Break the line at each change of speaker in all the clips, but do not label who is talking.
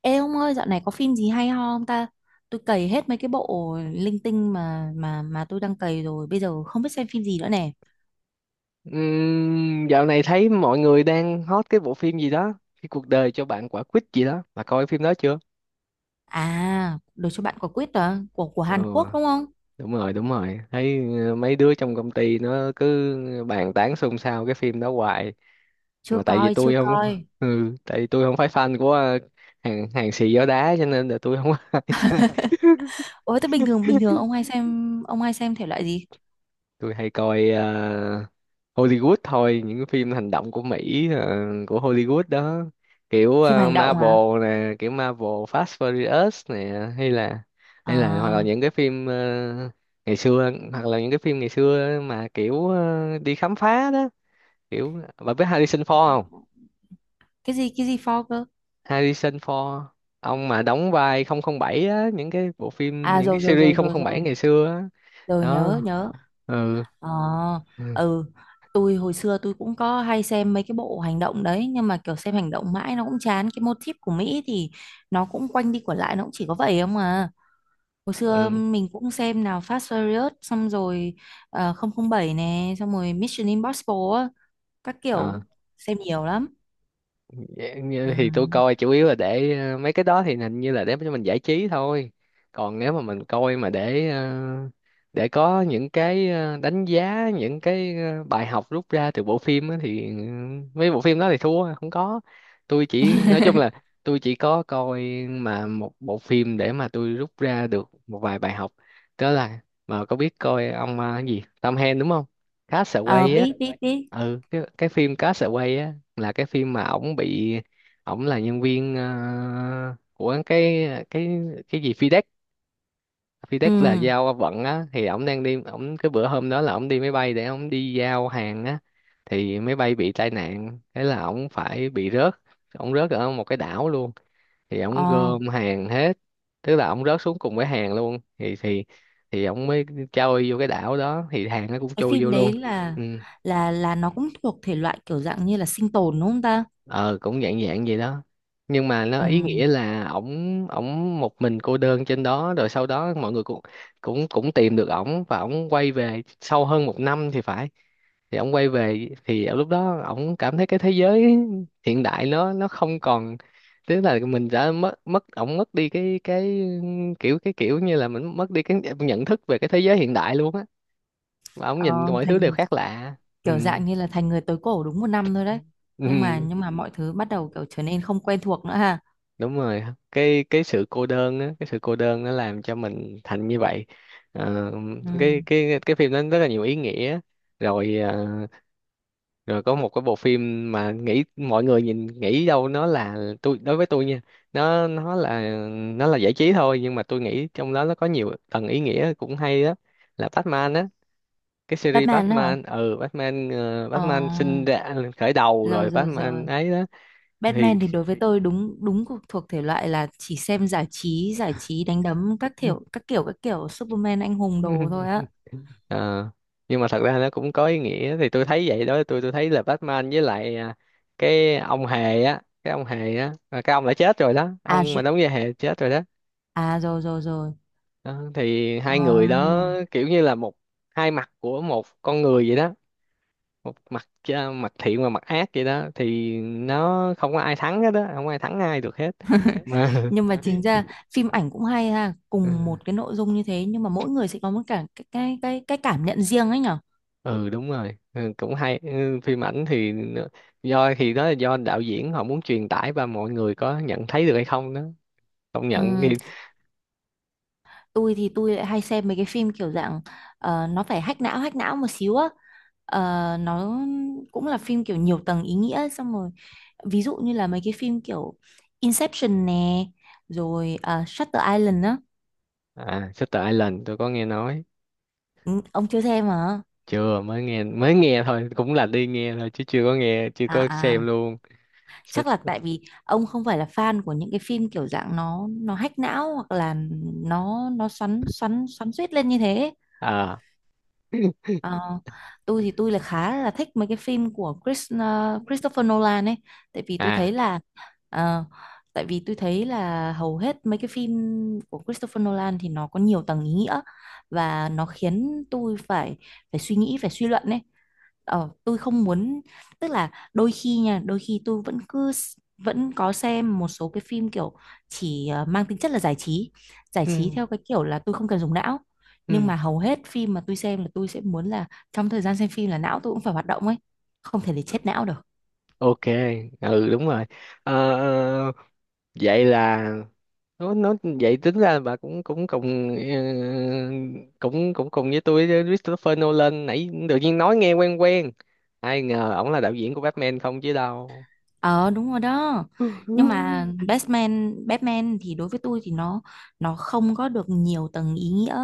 Ê ông ơi, dạo này có phim gì hay ho không ta? Tôi cày hết mấy cái bộ linh tinh mà tôi đang cày rồi, bây giờ không biết xem phim gì nữa nè.
Dạo này thấy mọi người đang hot cái bộ phim gì đó, cái cuộc đời cho bạn quả quýt gì đó, bà coi phim đó chưa?
À, Đời cho bạn quả quýt đó, của
Ừ,
Hàn Quốc đúng không?
đúng rồi, đúng rồi. Thấy mấy đứa trong công ty nó cứ bàn tán xôn xao cái phim đó hoài,
Chưa
mà tại vì
coi, chưa
tôi không
coi.
ừ, tại vì tôi không phải fan của hàng hàng xì gió đá cho nên là tôi không ai.
Ôi, thế bình thường ông hay xem thể loại gì?
Tôi hay coi Hollywood thôi, những cái phim hành động của Mỹ, của Hollywood đó, kiểu
Phim hành động hả?
Marvel nè, kiểu Marvel Fast Furious nè, hay là
À,
hoặc là những cái phim ngày xưa mà kiểu đi khám phá đó. Kiểu bà biết Harrison Ford không?
cái gì for cơ?
Harrison Ford, ông mà đóng vai 007 á, những cái bộ phim,
À,
những cái
rồi rồi
series
rồi rồi
007
rồi,
ngày xưa á
rồi nhớ
đó.
nhớ.
Ừ,
Ờ,
ừ,
ừ, tôi hồi xưa tôi cũng có hay xem mấy cái bộ hành động đấy, nhưng mà kiểu xem hành động mãi nó cũng chán, cái motif của Mỹ thì nó cũng quanh đi quẩn lại, nó cũng chỉ có vậy không à. Hồi xưa mình cũng xem nào Fast Furious, xong rồi 007 nè, xong rồi Mission Impossible á, các
ừ.
kiểu, xem nhiều lắm.
Dạ,
Ừ.
như thì tôi coi chủ yếu là để mấy cái đó thì hình như là để cho mình giải trí thôi, còn nếu mà mình coi mà để để có những cái đánh giá, những cái bài học rút ra từ bộ phim á thì mấy bộ phim đó thì thua, không có. Tôi chỉ nói chung là tôi chỉ có coi mà một bộ phim để mà tôi rút ra được một vài bài học, đó là, mà có biết coi ông cái gì Tom Hanks đúng không?
Ờ
Castaway á.
biết biết biết.
Ừ, cái phim Castaway á là cái phim mà ổng bị, ổng là nhân viên của cái cái gì FedEx. FedEx là
Ừ.
giao vận á, thì ổng đang đi, ổng cái bữa hôm đó là ổng đi máy bay để ổng đi giao hàng á, thì máy bay bị tai nạn, thế là ổng phải bị rớt, ổng rớt ở một cái đảo luôn, thì ổng
Ờ
gom hàng hết, tức là ổng rớt xuống cùng với hàng luôn, thì ổng mới trôi vô cái đảo đó, thì hàng nó cũng
cái
trôi vô
phim
luôn.
đấy là
Ừ,
là nó cũng thuộc thể loại kiểu dạng như là sinh tồn đúng không ta?
ờ cũng dạng dạng vậy đó. Nhưng mà nó
Ừ.
ý nghĩa là ổng ổng một mình cô đơn trên đó, rồi sau đó mọi người cũng cũng cũng tìm được ổng và ổng quay về sau hơn một năm thì phải. Thì ổng quay về thì ở lúc đó ổng cảm thấy cái thế giới hiện đại nó không còn, tức là mình đã mất, mất ổng mất đi cái kiểu cái kiểu như là mình mất đi cái nhận thức về cái thế giới hiện đại luôn á, mà ổng
Ờ,
nhìn mọi thứ đều
thành
khác lạ. Ừ.
kiểu dạng như là thành người tối cổ đúng một năm thôi đấy. Nhưng
Ừ.
mà nhưng mà mọi thứ bắt đầu kiểu trở nên không quen thuộc nữa ha.
Đúng rồi, cái sự cô đơn á, cái sự cô đơn nó làm cho mình thành như vậy. Ờ,
Ừ.
cái phim nó rất là nhiều ý nghĩa. Rồi rồi có một cái bộ phim mà nghĩ mọi người nhìn nghĩ đâu nó là, tôi đối với tôi nha, nó nó là nó là giải trí thôi, nhưng mà tôi nghĩ trong đó nó có nhiều tầng ý nghĩa cũng hay, đó là Batman á, cái series
Batman nữa hả?
Batman, Batman, Batman sinh
Ờ,
ra, khởi đầu,
rồi
rồi
rồi rồi.
Batman ấy đó. Thì
Batman thì đối với tôi đúng đúng thuộc thuộc thể loại là chỉ xem giải trí đánh đấm các kiểu các kiểu các kiểu Superman anh hùng đồ thôi á.
ờ, nhưng mà thật ra nó cũng có ý nghĩa, thì tôi thấy vậy đó. Tôi thấy là Batman với lại cái ông hề á, cái ông hề á, cái ông đã chết rồi đó,
À,
ông mà đóng vai hề chết rồi đó.
à rồi rồi rồi.
Đó, thì
Ờ.
hai người đó kiểu như là một hai mặt của một con người vậy đó, một mặt mặt thiện và mặt ác vậy đó, thì nó không có ai thắng hết đó, không ai thắng ai được hết mà.
Nhưng mà chính ra phim ảnh cũng hay ha, cùng một cái nội dung như thế nhưng mà mỗi người sẽ có một cả cái cảm nhận riêng ấy nhở.
Ừ đúng rồi, ừ, cũng hay, ừ, phim ảnh thì nó, do thì đó là do đạo diễn họ muốn truyền tải và mọi người có nhận thấy được hay không đó, không nhận thì...
Ừ. Tôi thì tôi lại hay xem mấy cái phim kiểu dạng ờ, nó phải hack não một xíu á. Ờ, nó cũng là phim kiểu nhiều tầng ý nghĩa, xong rồi ví dụ như là mấy cái phim kiểu Inception nè, rồi ờ, Shutter Island á.
À, Shutter Island tôi có nghe nói.
Ừ, ông chưa xem hả?
Chưa, mới nghe thôi, cũng là đi nghe thôi chứ chưa có nghe, chưa có
À à,
xem luôn.
chắc là
Shut-
tại vì ông không phải là fan của những cái phim kiểu dạng nó hack não, hoặc là nó xoắn xoắn xoắn xuýt lên như thế.
À.
Ờ, tôi thì tôi là khá là thích mấy cái phim của Chris, ờ, Christopher Nolan ấy. Tại vì tôi
À,
thấy là ờ, tại vì tôi thấy là hầu hết mấy cái phim của Christopher Nolan thì nó có nhiều tầng ý nghĩa và nó khiến tôi phải phải suy nghĩ phải suy luận ấy. Ờ, tôi không muốn, tức là đôi khi nha đôi khi tôi vẫn cứ vẫn có xem một số cái phim kiểu chỉ ờ, mang tính chất là giải trí, giải trí
ừ,
theo cái kiểu là tôi không cần dùng não, nhưng
ừ,
mà hầu hết phim mà tôi xem là tôi sẽ muốn là trong thời gian xem phim là não tôi cũng phải hoạt động ấy, không thể để chết não được.
ok, ừ đúng rồi. Ờ, ờ, Vậy là nó vậy tính ra là bà cũng, cũng cùng cũng cũng cùng với tôi, với Christopher Nolan, nãy tự nhiên nói nghe quen quen, ai ngờ ổng là đạo diễn của Batman không chứ đâu.
Ờ đúng rồi đó, nhưng mà Batman Batman thì đối với tôi thì nó không có được nhiều tầng ý nghĩa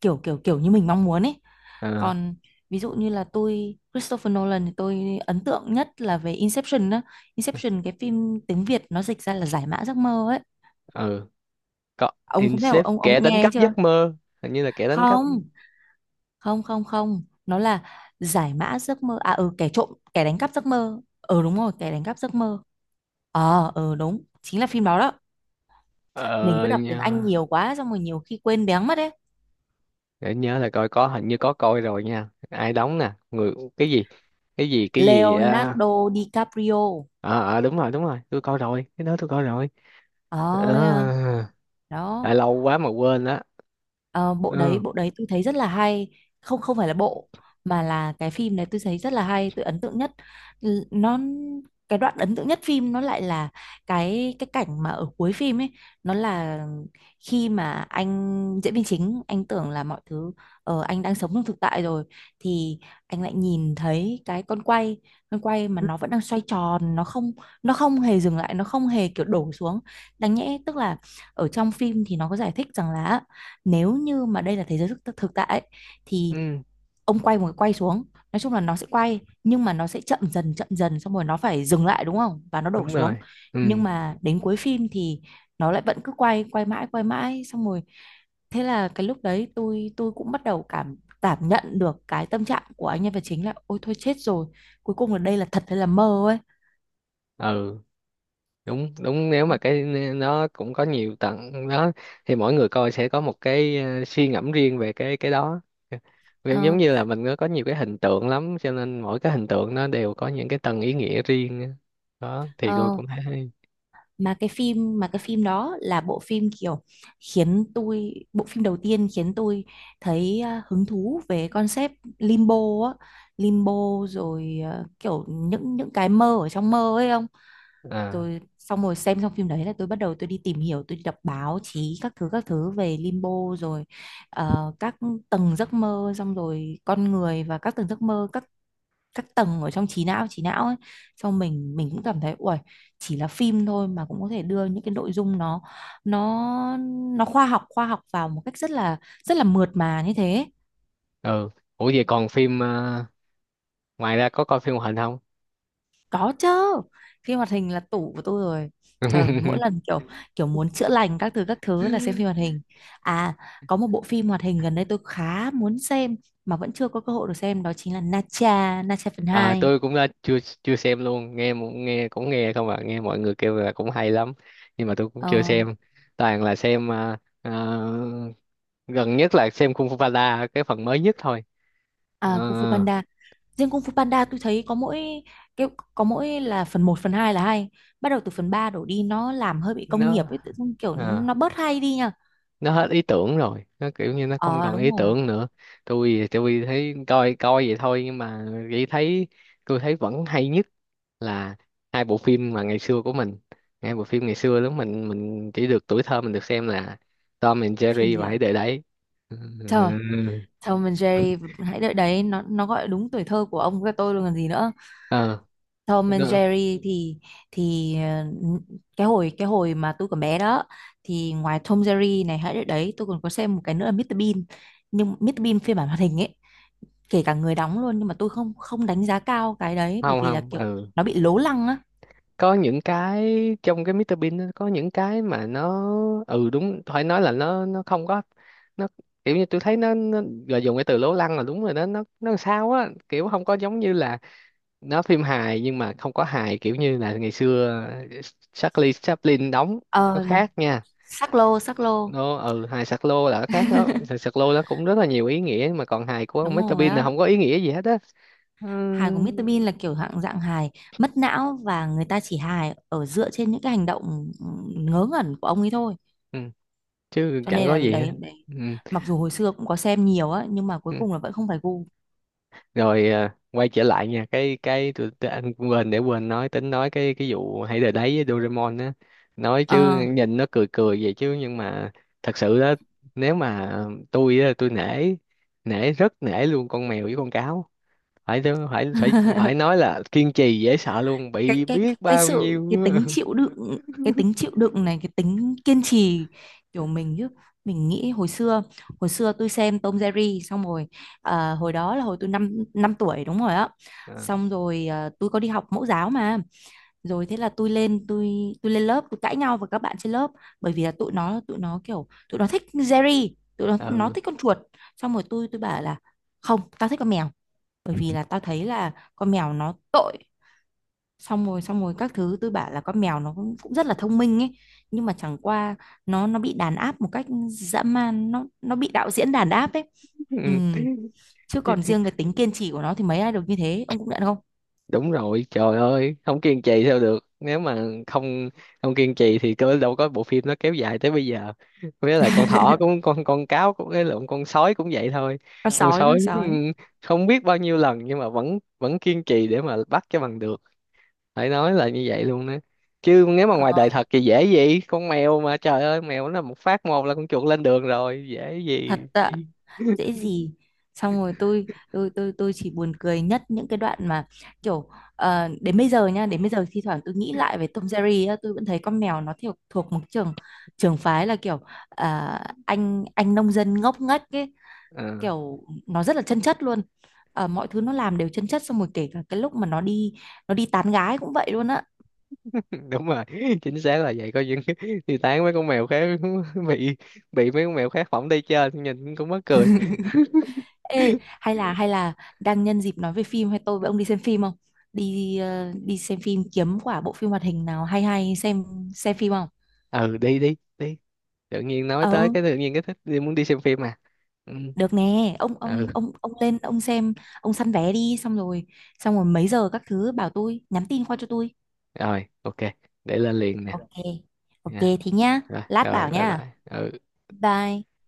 kiểu kiểu kiểu như mình mong muốn ấy.
Ờ,
Còn ví dụ như là tôi, Christopher Nolan thì tôi ấn tượng nhất là về Inception đó. Inception cái phim tiếng Việt nó dịch ra là giải mã giấc mơ ấy.
ừ, có.
Ông có biết,
Incept
ông
kẻ
đã
đánh
nghe ấy
cắp
chưa?
giấc mơ, hình như là kẻ đánh cắp.
Không không không, không nó là giải mã giấc mơ, à ừ kẻ trộm, kẻ đánh cắp giấc mơ, ừ đúng rồi kẻ đánh cắp giấc mơ. Ờ ừ đúng, chính là phim đó đó. Mình
ờ
cứ đọc
Nhớ.
tiếng Anh nhiều quá xong rồi nhiều khi quên béng mất đấy.
Để nhớ là coi có, hình như có coi rồi nha. Ai đóng nè, người cái gì cái gì cái gì, à,
Leonardo DiCaprio.
ờ, ờ, đúng rồi, đúng rồi, tôi coi rồi, cái đó tôi coi rồi.
Ờ
Ờ,
thế à.
à,
Đó.
lâu quá mà quên đó.
Ờ, bộ đấy
Ừ,
bộ đấy tôi thấy rất là hay. Không, không phải là bộ, mà là cái phim này tôi thấy rất là hay, tôi ấn tượng nhất. Nó cái đoạn ấn tượng nhất phim nó lại là cái cảnh mà ở cuối phim ấy. Nó là khi mà anh diễn viên chính anh tưởng là mọi thứ ờ, anh đang sống trong thực tại rồi, thì anh lại nhìn thấy cái con quay mà nó vẫn đang xoay tròn, nó không hề dừng lại, nó không hề kiểu đổ xuống. Đáng nhẽ tức là ở trong phim thì nó có giải thích rằng là nếu như mà đây là thế giới thực, thực tại ấy, thì
ừ
ông quay một cái quay xuống, nói chung là nó sẽ quay nhưng mà nó sẽ chậm dần xong rồi nó phải dừng lại đúng không, và nó đổ
đúng
xuống.
rồi, ừ.
Nhưng mà đến cuối phim thì nó lại vẫn cứ quay, quay mãi xong rồi. Thế là cái lúc đấy tôi cũng bắt đầu cảm, cảm nhận được cái tâm trạng của anh nhân vật chính là ôi thôi chết rồi, cuối cùng là đây là thật hay là mơ ấy.
Ừ đúng đúng, nếu mà cái, nó cũng có nhiều tầng đó, thì mỗi người coi sẽ có một cái suy ngẫm riêng về cái đó. Vì giống
Ờ,
như là mình có nhiều cái hình tượng lắm cho nên mỗi cái hình tượng nó đều có những cái tầng ý nghĩa riêng á. Đó thì tôi
ờ,
cũng thấy hay.
mà cái phim đó là bộ phim kiểu khiến tôi, bộ phim đầu tiên khiến tôi thấy à, hứng thú về concept limbo á. Limbo rồi à, kiểu những cái mơ ở trong mơ ấy không.
À,
Rồi xong rồi xem xong phim đấy là tôi bắt đầu tôi đi tìm hiểu, tôi đi đọc báo chí các thứ về limbo, rồi ờ, các tầng giấc mơ, xong rồi con người và các tầng giấc mơ, các tầng ở trong trí não, trí não ấy, cho mình cũng cảm thấy uầy, chỉ là phim thôi mà cũng có thể đưa những cái nội dung nó nó khoa học, khoa học vào một cách rất là mượt mà như thế.
ừ. Ủa, vậy còn phim ngoài ra có coi phim hoạt hình
Có chứ, phim hoạt hình là tủ của tôi rồi. Trời mỗi
không?
lần kiểu kiểu muốn chữa lành các thứ là xem phim hoạt hình. À, có một bộ phim hoạt hình gần đây tôi khá muốn xem mà vẫn chưa có cơ hội được xem, đó chính là Nacha Nacha phần
Ờ,
hai,
tôi cũng đã, chưa chưa xem luôn, nghe nghe, cũng nghe không à, nghe mọi người kêu là cũng hay lắm, nhưng mà tôi cũng chưa
ờ,
xem, toàn là xem, gần nhất là xem Kung Fu Panda cái phần mới nhất thôi.
à, Kung Fu
Ờ,
Panda. Riêng Kung Fu Panda tôi thấy có mỗi cái, có mỗi là phần một phần 2 là hay. Bắt đầu từ phần 3 đổ đi nó làm hơi bị công nghiệp
nó
ấy, tự dưng kiểu
ờ.
nó bớt hay đi nha.
nó hết ý tưởng rồi, nó kiểu như nó không
Ờ
còn
đúng
ý
rồi,
tưởng nữa. Tôi thì tôi thấy coi coi vậy thôi, nhưng mà chỉ thấy, tôi thấy vẫn hay nhất là hai bộ phim mà ngày xưa của mình, hai bộ phim ngày xưa lúc mình chỉ được, tuổi thơ mình được xem là Tom and
phim
Jerry
gì
và Hãy
à?
Để Đấy. Ừ.
Trời, Tom and Jerry, hãy đợi đấy, nó gọi đúng tuổi thơ của ông với tôi luôn còn gì nữa.
Ờ
Tom and
đúng.
Jerry thì ờ, cái hồi mà tôi còn bé đó thì ngoài Tom Jerry này, hãy đấy, tôi còn có xem một cái nữa là Mr Bean, nhưng Mr Bean phiên bản hoạt hình ấy, kể cả người đóng luôn, nhưng mà tôi không, không đánh giá cao cái đấy bởi
Không,
vì là
không,
kiểu
ừ,
nó bị lố lăng á.
có những cái trong cái Mr Bean nó có những cái mà nó, ừ đúng, phải nói là nó không có, nó kiểu như tôi thấy nó là dùng cái từ lố lăng là đúng rồi đó. Nó làm sao á, kiểu không có giống như là nó phim hài nhưng mà không có hài, kiểu như là ngày xưa ờ, Charlie Chaplin đóng, nó
Ờ,
khác nha.
sắc lô sắc lô.
Nó, ừ, hài sạc lô là nó khác đó, hài sạc lô nó cũng rất là nhiều ý nghĩa, mà còn hài của ông
đúng
Mr
rồi
Bean là
á,
không có ý nghĩa gì hết á.
hài của
Ừm,
Mr Bean là kiểu dạng dạng hài mất não, và người ta chỉ hài ở dựa trên những cái hành động ừ, ngớ ngẩn của ông ấy thôi.
ừ, chứ
Cho
chẳng
nên
có
là
gì hết.
đấy đấy, mặc dù hồi xưa cũng có xem nhiều á nhưng mà cuối
Ừ.
cùng là vẫn không phải gu.
Rồi, à, quay trở lại nha, cái tôi, anh quên, để quên nói, tính nói cái vụ hãy đời đấy với Doraemon á. Nói chứ
Ờ.
nhìn nó cười cười vậy chứ nhưng mà thật sự đó, nếu mà tôi á, tôi nể, rất nể luôn con mèo với con cáo. Phải phải phải phải nói là kiên trì dễ sợ luôn,
cái
bị
cái cái
biết
cái
bao
sự,
nhiêu.
cái tính chịu đựng, cái tính chịu đựng này, cái tính kiên trì, kiểu mình, chứ mình nghĩ hồi xưa, hồi xưa tôi xem Tom Jerry xong rồi à, hồi đó là hồi tôi năm năm tuổi đúng rồi á, xong rồi à, tôi có đi học mẫu giáo mà, rồi thế là tôi lên tôi lên lớp tôi cãi nhau với các bạn trên lớp bởi vì là tụi nó kiểu tụi nó thích Jerry, tụi nó
Ờ,
thích con chuột, xong rồi tôi bảo là không, tao thích con mèo, bởi vì là tao thấy là con mèo nó tội, xong rồi các thứ tôi bảo là con mèo nó cũng, cũng rất là thông minh ấy, nhưng mà chẳng qua nó bị đàn áp một cách dã man, nó bị đạo diễn đàn áp ấy. Ừ.
ừ
Chứ còn riêng cái tính kiên trì của nó thì mấy ai được như thế, ông cũng nhận không? Ừ.
đúng rồi, trời ơi, không kiên trì sao được, nếu mà không, không kiên trì thì cơ đâu có bộ phim nó kéo dài tới bây giờ. Với lại con thỏ cũng, con cáo cũng, cái lộn, con sói cũng vậy thôi,
Con
con
sói, con
sói,
sói.
không biết bao nhiêu lần nhưng mà vẫn vẫn kiên trì để mà bắt cho bằng được, phải nói là như vậy luôn đó. Chứ nếu mà ngoài
Ờ,
đời thật thì dễ gì con mèo, mà trời ơi, mèo nó một phát một là con chuột lên đường rồi, dễ
thật
gì.
ạ, dễ gì. Xong rồi tôi chỉ buồn cười nhất những cái đoạn mà kiểu ờ, đến bây giờ nha, đến bây giờ thi thoảng tôi nghĩ lại về Tom Jerry á, tôi vẫn thấy con mèo nó theo thuộc một trường, trường phái là kiểu à, anh nông dân ngốc nghếch ấy,
Ờ.
kiểu nó rất là chân chất luôn. Ờ, mọi thứ nó làm đều chân chất, xong rồi kể cả cái lúc mà nó đi, nó đi tán gái cũng vậy luôn á.
Đúng rồi, chính xác là vậy. Có những thì tán mấy con mèo khác, bị bị mấy con mèo khác phỏng đi chơi nhìn cũng mắc cười.
Ê, hay là đang nhân dịp nói về phim hay, tôi với ông đi xem phim không? Đi ờ, đi xem phim kiếm quả bộ phim hoạt hình nào hay hay xem phim không?
Ừ, đi đi đi, tự nhiên nói tới
Ờ,
cái, tự nhiên cái thích, đi, muốn đi xem phim à. Ừ,
được nè, ông ông
ừ.
ông ông lên ông xem, ông săn vé đi xong rồi mấy giờ các thứ bảo tôi, nhắn tin qua cho tôi.
Rồi, ok, để lên liền nè,
Ok. Ok
nha,
thế nhá,
rồi
lát
rồi,
bảo
bye
nhá.
bye, ừ.
Bye.